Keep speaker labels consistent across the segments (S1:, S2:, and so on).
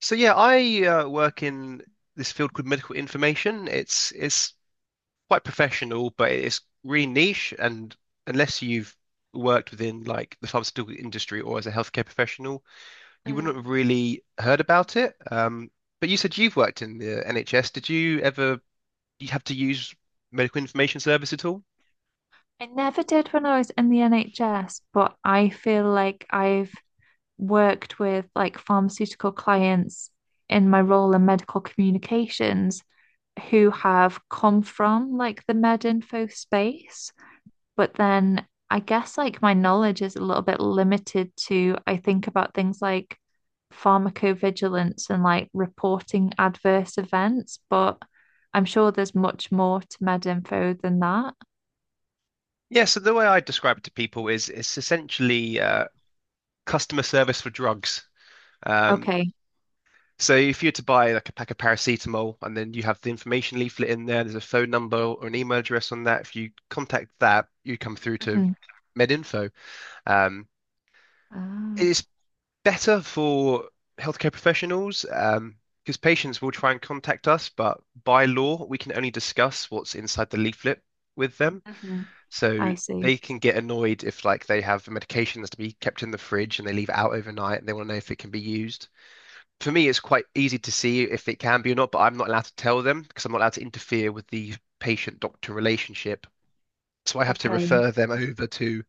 S1: So yeah, I work in this field called medical information. It's quite professional, but it's really niche. And unless you've worked within like the pharmaceutical industry or as a healthcare professional, you wouldn't have
S2: Mm.
S1: really heard about it. But you said you've worked in the NHS. Did you ever you have to use medical information service at all?
S2: I never did when I was in the NHS, but I feel like I've worked with like pharmaceutical clients in my role in medical communications who have come from like the med info space. But then I guess like my knowledge is a little bit limited to I think about things like pharmacovigilance and like reporting adverse events, but I'm sure there's much more to med info than that.
S1: Yeah. So the way I describe it to people is it's essentially customer service for drugs. Um,
S2: Okay.
S1: So if you were to buy like a pack of paracetamol and then you have the information leaflet in there, there's a phone number or an email address on that. If you contact that, you come through to
S2: Mhm.
S1: MedInfo. Um,
S2: Ah,
S1: it's better for healthcare professionals because patients will try and contact us, but by law, we can only discuss what's inside the leaflet with them.
S2: hmm.
S1: So
S2: I see.
S1: they can get annoyed if like they have medication that's to be kept in the fridge and they leave it out overnight and they want to know if it can be used. For me, it's quite easy to see if it can be or not, but I'm not allowed to tell them because I'm not allowed to interfere with the patient-doctor relationship. So I have to
S2: Okay.
S1: refer them over to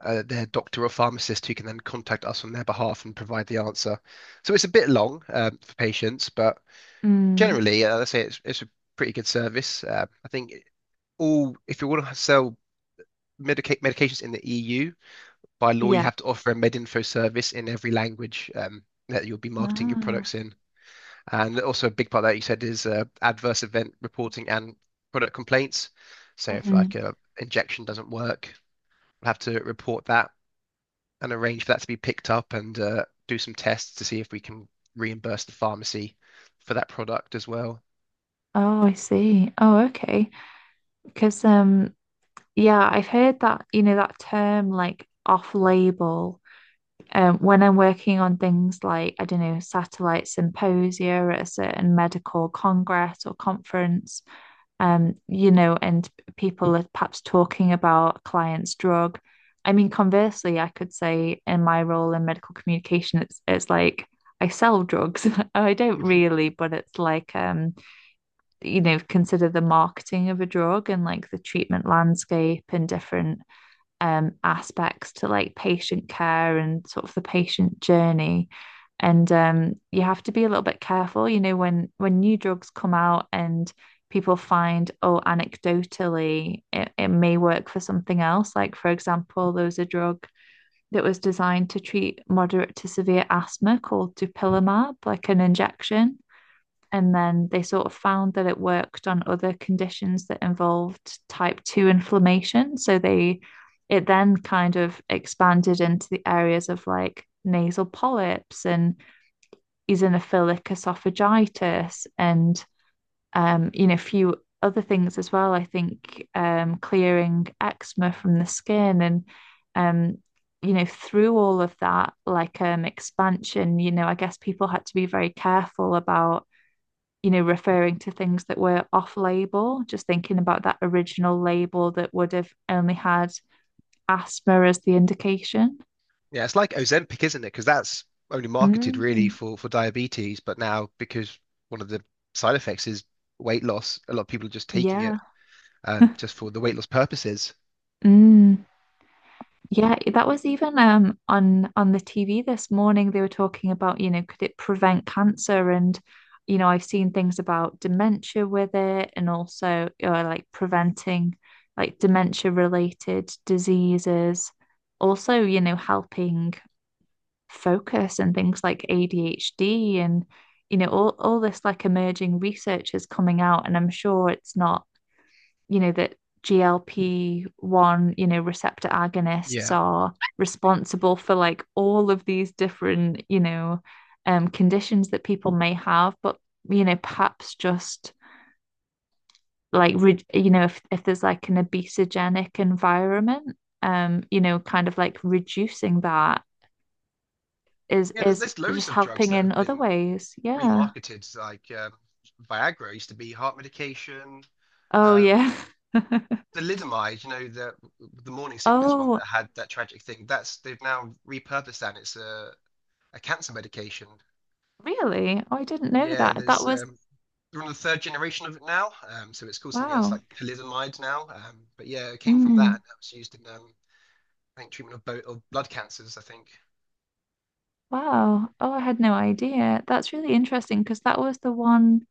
S1: their doctor or pharmacist who can then contact us on their behalf and provide the answer. So it's a bit long for patients, but
S2: Mm,
S1: generally, I say it's a pretty good service. I think all, if you want to sell medications in the EU, by law, you
S2: yeah.
S1: have to offer a MedInfo service in every language that you'll be marketing your products
S2: Ah.
S1: in. And also a big part that you said is adverse event reporting and product complaints. So if
S2: Hmm. Mm.
S1: like a injection doesn't work, we'll have to report that and arrange for that to be picked up and do some tests to see if we can reimburse the pharmacy for that product as well.
S2: Oh, I see. Oh, okay. Because yeah, I've heard that, you know, that term like off-label. When I'm working on things like, I don't know, satellite symposia at a certain medical congress or conference, you know, and people are perhaps talking about client's drug. I mean, conversely, I could say in my role in medical communication, it's like I sell drugs. I don't really, but it's like you know, consider the marketing of a drug and like the treatment landscape and different aspects to like patient care and sort of the patient journey. And you have to be a little bit careful, you know, when new drugs come out and people find, oh, anecdotally, it may work for something else. Like, for example, there was a drug that was designed to treat moderate to severe asthma called dupilumab, like an injection, and then they sort of found that it worked on other conditions that involved type 2 inflammation, so they it then kind of expanded into the areas of like nasal polyps and eosinophilic esophagitis and you know, a few other things as well. I think clearing eczema from the skin, and um, you know, through all of that like expansion, you know, I guess people had to be very careful about, you know, referring to things that were off label, just thinking about that original label that would have only had asthma as the indication.
S1: Yeah, it's like Ozempic, isn't it? Because that's only marketed really
S2: Mm,
S1: for diabetes, but now because one of the side effects is weight loss, a lot of people are just taking
S2: yeah.
S1: it just for the weight loss purposes.
S2: Mm, yeah, that was even on the TV this morning. They were talking about, you know, could it prevent cancer, and you know, I've seen things about dementia with it, and also like preventing like dementia related diseases. Also, you know, helping focus and things like ADHD, and you know all this like emerging research is coming out, and I'm sure it's not, you know, that GLP-1, you know, receptor agonists
S1: Yeah.
S2: are responsible for like all of these different, you know, conditions that people may have, but you know, perhaps just like, you know, if there's like an obesogenic environment, you know, kind of like reducing that
S1: Yeah, there's,
S2: is
S1: there's loads
S2: just
S1: of drugs
S2: helping
S1: that
S2: in
S1: have
S2: other
S1: been
S2: ways. Yeah.
S1: remarketed like Viagra used to be heart medication.
S2: Oh
S1: Um,
S2: yeah.
S1: Thalidomide, you know, the morning sickness one
S2: Oh,
S1: that had that tragic thing. That's they've now repurposed that. And It's a cancer medication.
S2: really? Oh, I didn't know
S1: Yeah,
S2: that. That
S1: there's
S2: was
S1: they're on the third generation of it now. So it's called something else
S2: wow.
S1: like thalidomide now. But yeah, it came from that.
S2: Mm,
S1: That was used in I think treatment of both of blood cancers. I think.
S2: wow. Oh, I had no idea. That's really interesting because that was the one.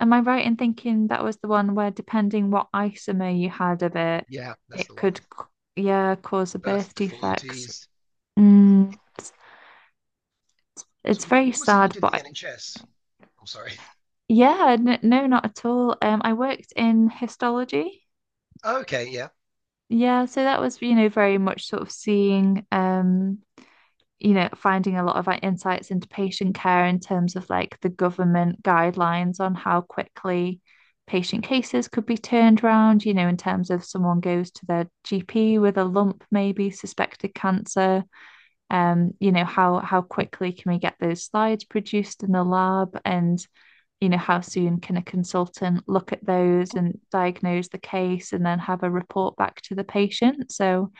S2: Am I right in thinking that was the one where, depending what isomer you had of it,
S1: Yeah, that's
S2: it
S1: the one.
S2: could, yeah, cause a
S1: Birth
S2: birth defects.
S1: deformities.
S2: Mm,
S1: So
S2: it's very
S1: what was it you
S2: sad,
S1: did in
S2: but
S1: the
S2: I-
S1: NHS? I'm sorry.
S2: yeah, n no, not at all. I worked in histology.
S1: Okay, yeah.
S2: Yeah, so that was, you know, very much sort of seeing, you know, finding a lot of like insights into patient care in terms of like the government guidelines on how quickly patient cases could be turned around, you know, in terms of someone goes to their GP with a lump, maybe suspected cancer, you know, how quickly can we get those slides produced in the lab, and you know, how soon can a consultant look at those and diagnose the case and then have a report back to the patient? So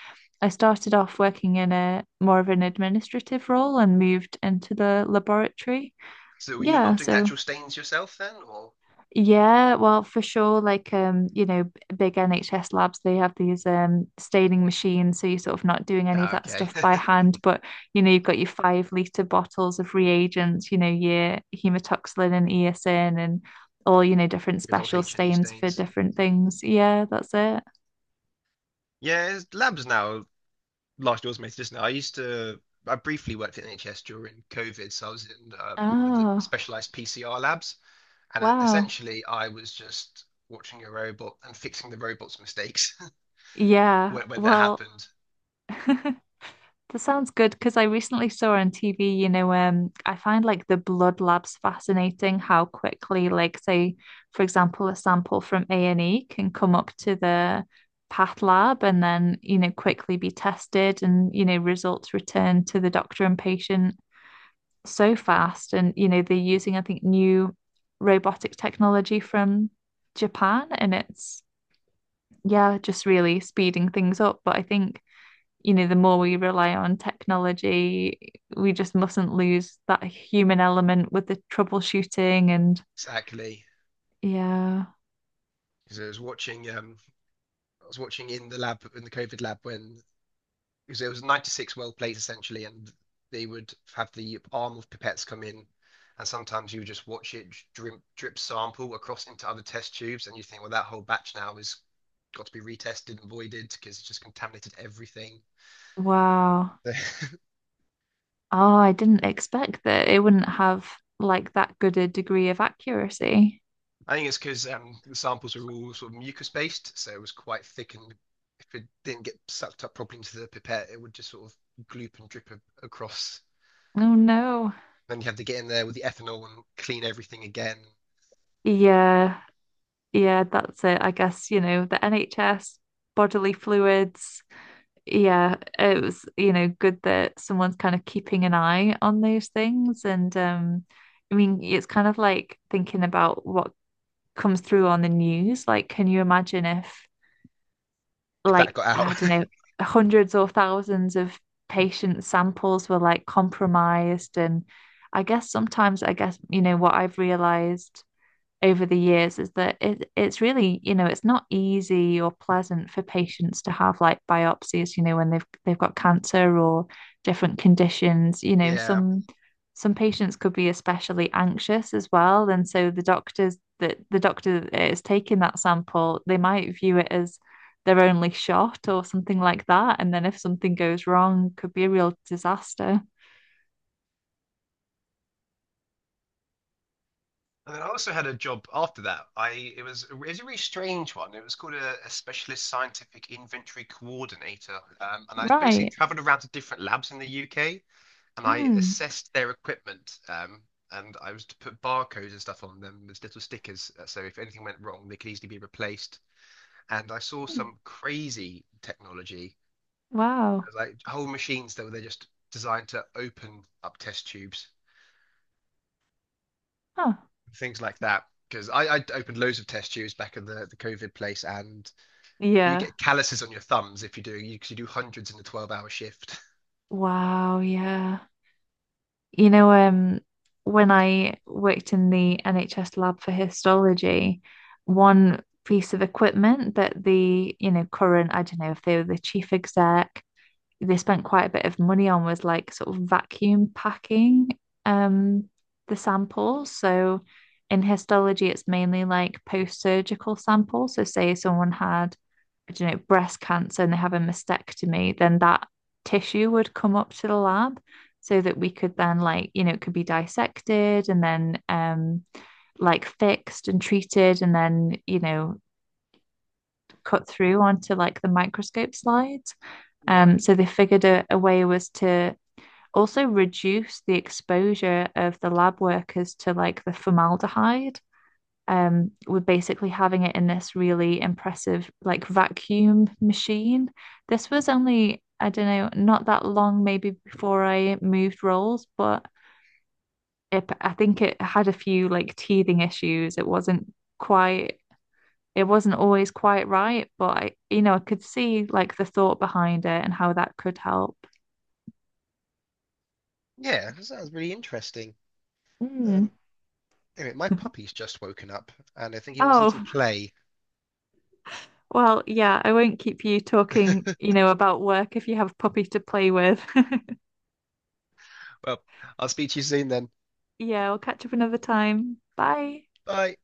S2: I started off working in a more of an administrative role and moved into the laboratory.
S1: So you're
S2: Yeah,
S1: not doing the
S2: so
S1: actual stains yourself then, or?
S2: yeah, well, for sure. Like, you know, big NHS labs, they have these staining machines, so you're sort of not doing any of
S1: Yeah,
S2: that
S1: okay.
S2: stuff by hand. But you know, you've got your 5 liter bottles of reagents, you know, your hematoxylin and eosin, and all you know, different
S1: Good old
S2: special
S1: H and E
S2: stains for
S1: stains.
S2: different things. Yeah, that's it.
S1: Yeah, labs now. Largely automated, isn't it? I used to. I briefly worked at NHS during COVID, so I was in one of the
S2: Oh,
S1: specialized PCR labs, and
S2: wow.
S1: essentially I was just watching a robot and fixing the robot's mistakes
S2: Yeah,
S1: when that
S2: well.
S1: happened.
S2: That sounds good because I recently saw on TV, you know, I find like the blood labs fascinating how quickly, like, say, for example, a sample from A&E can come up to the path lab and then, you know, quickly be tested and, you know, results returned to the doctor and patient so fast. And, you know, they're using, I think, new robotic technology from Japan, and it's, yeah, just really speeding things up. But I think, you know, the more we rely on technology, we just mustn't lose that human element with the troubleshooting and
S1: Exactly.
S2: yeah.
S1: Because I was watching in the lab in the COVID lab when because it was 96 well plates essentially, and they would have the arm of pipettes come in, and sometimes you would just watch it drip, drip sample across into other test tubes, and you think, well, that whole batch now has got to be retested and voided because it's just contaminated everything.
S2: Wow.
S1: I
S2: Oh, I didn't expect that it wouldn't have like that good a degree of accuracy.
S1: think it's because the samples were all sort of mucus based, so it was quite thick, and if it didn't get sucked up properly into the pipette, it would just sort of gloop and drip across.
S2: Oh no.
S1: Then you have to get in there with the ethanol and clean everything again
S2: Yeah. Yeah, that's it. I guess, you know, the NHS, bodily fluids, yeah, it was, you know, good that someone's kind of keeping an eye on those things. And I mean, it's kind of like thinking about what comes through on the news. Like, can you imagine if,
S1: if that
S2: like,
S1: got out.
S2: I don't know, hundreds or thousands of patient samples were like compromised? And I guess sometimes, I guess, you know, what I've realized over the years is that it's really, you know, it's not easy or pleasant for patients to have like biopsies, you know, when they've got cancer or different conditions, you know,
S1: Yeah.
S2: some patients could be especially anxious as well. And so the doctor that is taking that sample, they might view it as their only shot or something like that. And then if something goes wrong, could be a real disaster.
S1: And then I also had a job after that. I It was it was a really strange one. It was called a specialist scientific inventory coordinator, and I basically
S2: Right.
S1: travelled around to different labs in the UK and I
S2: Mm.
S1: assessed their equipment. And I was to put barcodes and stuff on them as little stickers, so if anything went wrong, they could easily be replaced. And I saw some crazy technology,
S2: Wow.
S1: like whole machines that were they just designed to open up test tubes
S2: Huh.
S1: things like that. Because I opened loads of test tubes back in the COVID place, and you
S2: Yeah.
S1: get calluses on your thumbs if you do, because you do hundreds in a 12-hour shift.
S2: Wow, yeah. You know, when I worked in the NHS lab for histology, one piece of equipment that the, you know, current, I don't know if they were the chief exec, they spent quite a bit of money on was like sort of vacuum packing um the samples. So in histology, it's mainly like post-surgical samples. So say someone had, you know, breast cancer and they have a mastectomy, then that tissue would come up to the lab so that we could then like, you know, it could be dissected and then like fixed and treated and then, you know, cut through onto like the microscope slides.
S1: Yeah.
S2: So they figured a way was to also reduce the exposure of the lab workers to like the formaldehyde, we're basically having it in this really impressive like vacuum machine. This was only, I don't know, not that long maybe before I moved roles, but it, I think it had a few like teething issues. It wasn't quite, it wasn't always quite right, but I, you know, I could see like the thought behind it and how that could help.
S1: Yeah, that sounds really interesting.
S2: Mm.
S1: Um, anyway, my puppy's just woken up, and I think he wants a little
S2: Oh,
S1: play.
S2: well, yeah, I won't keep you talking, you know, about work if you have a puppy to play with.
S1: Well, I'll speak to you soon then.
S2: Yeah, we'll catch up another time. Bye.
S1: Bye.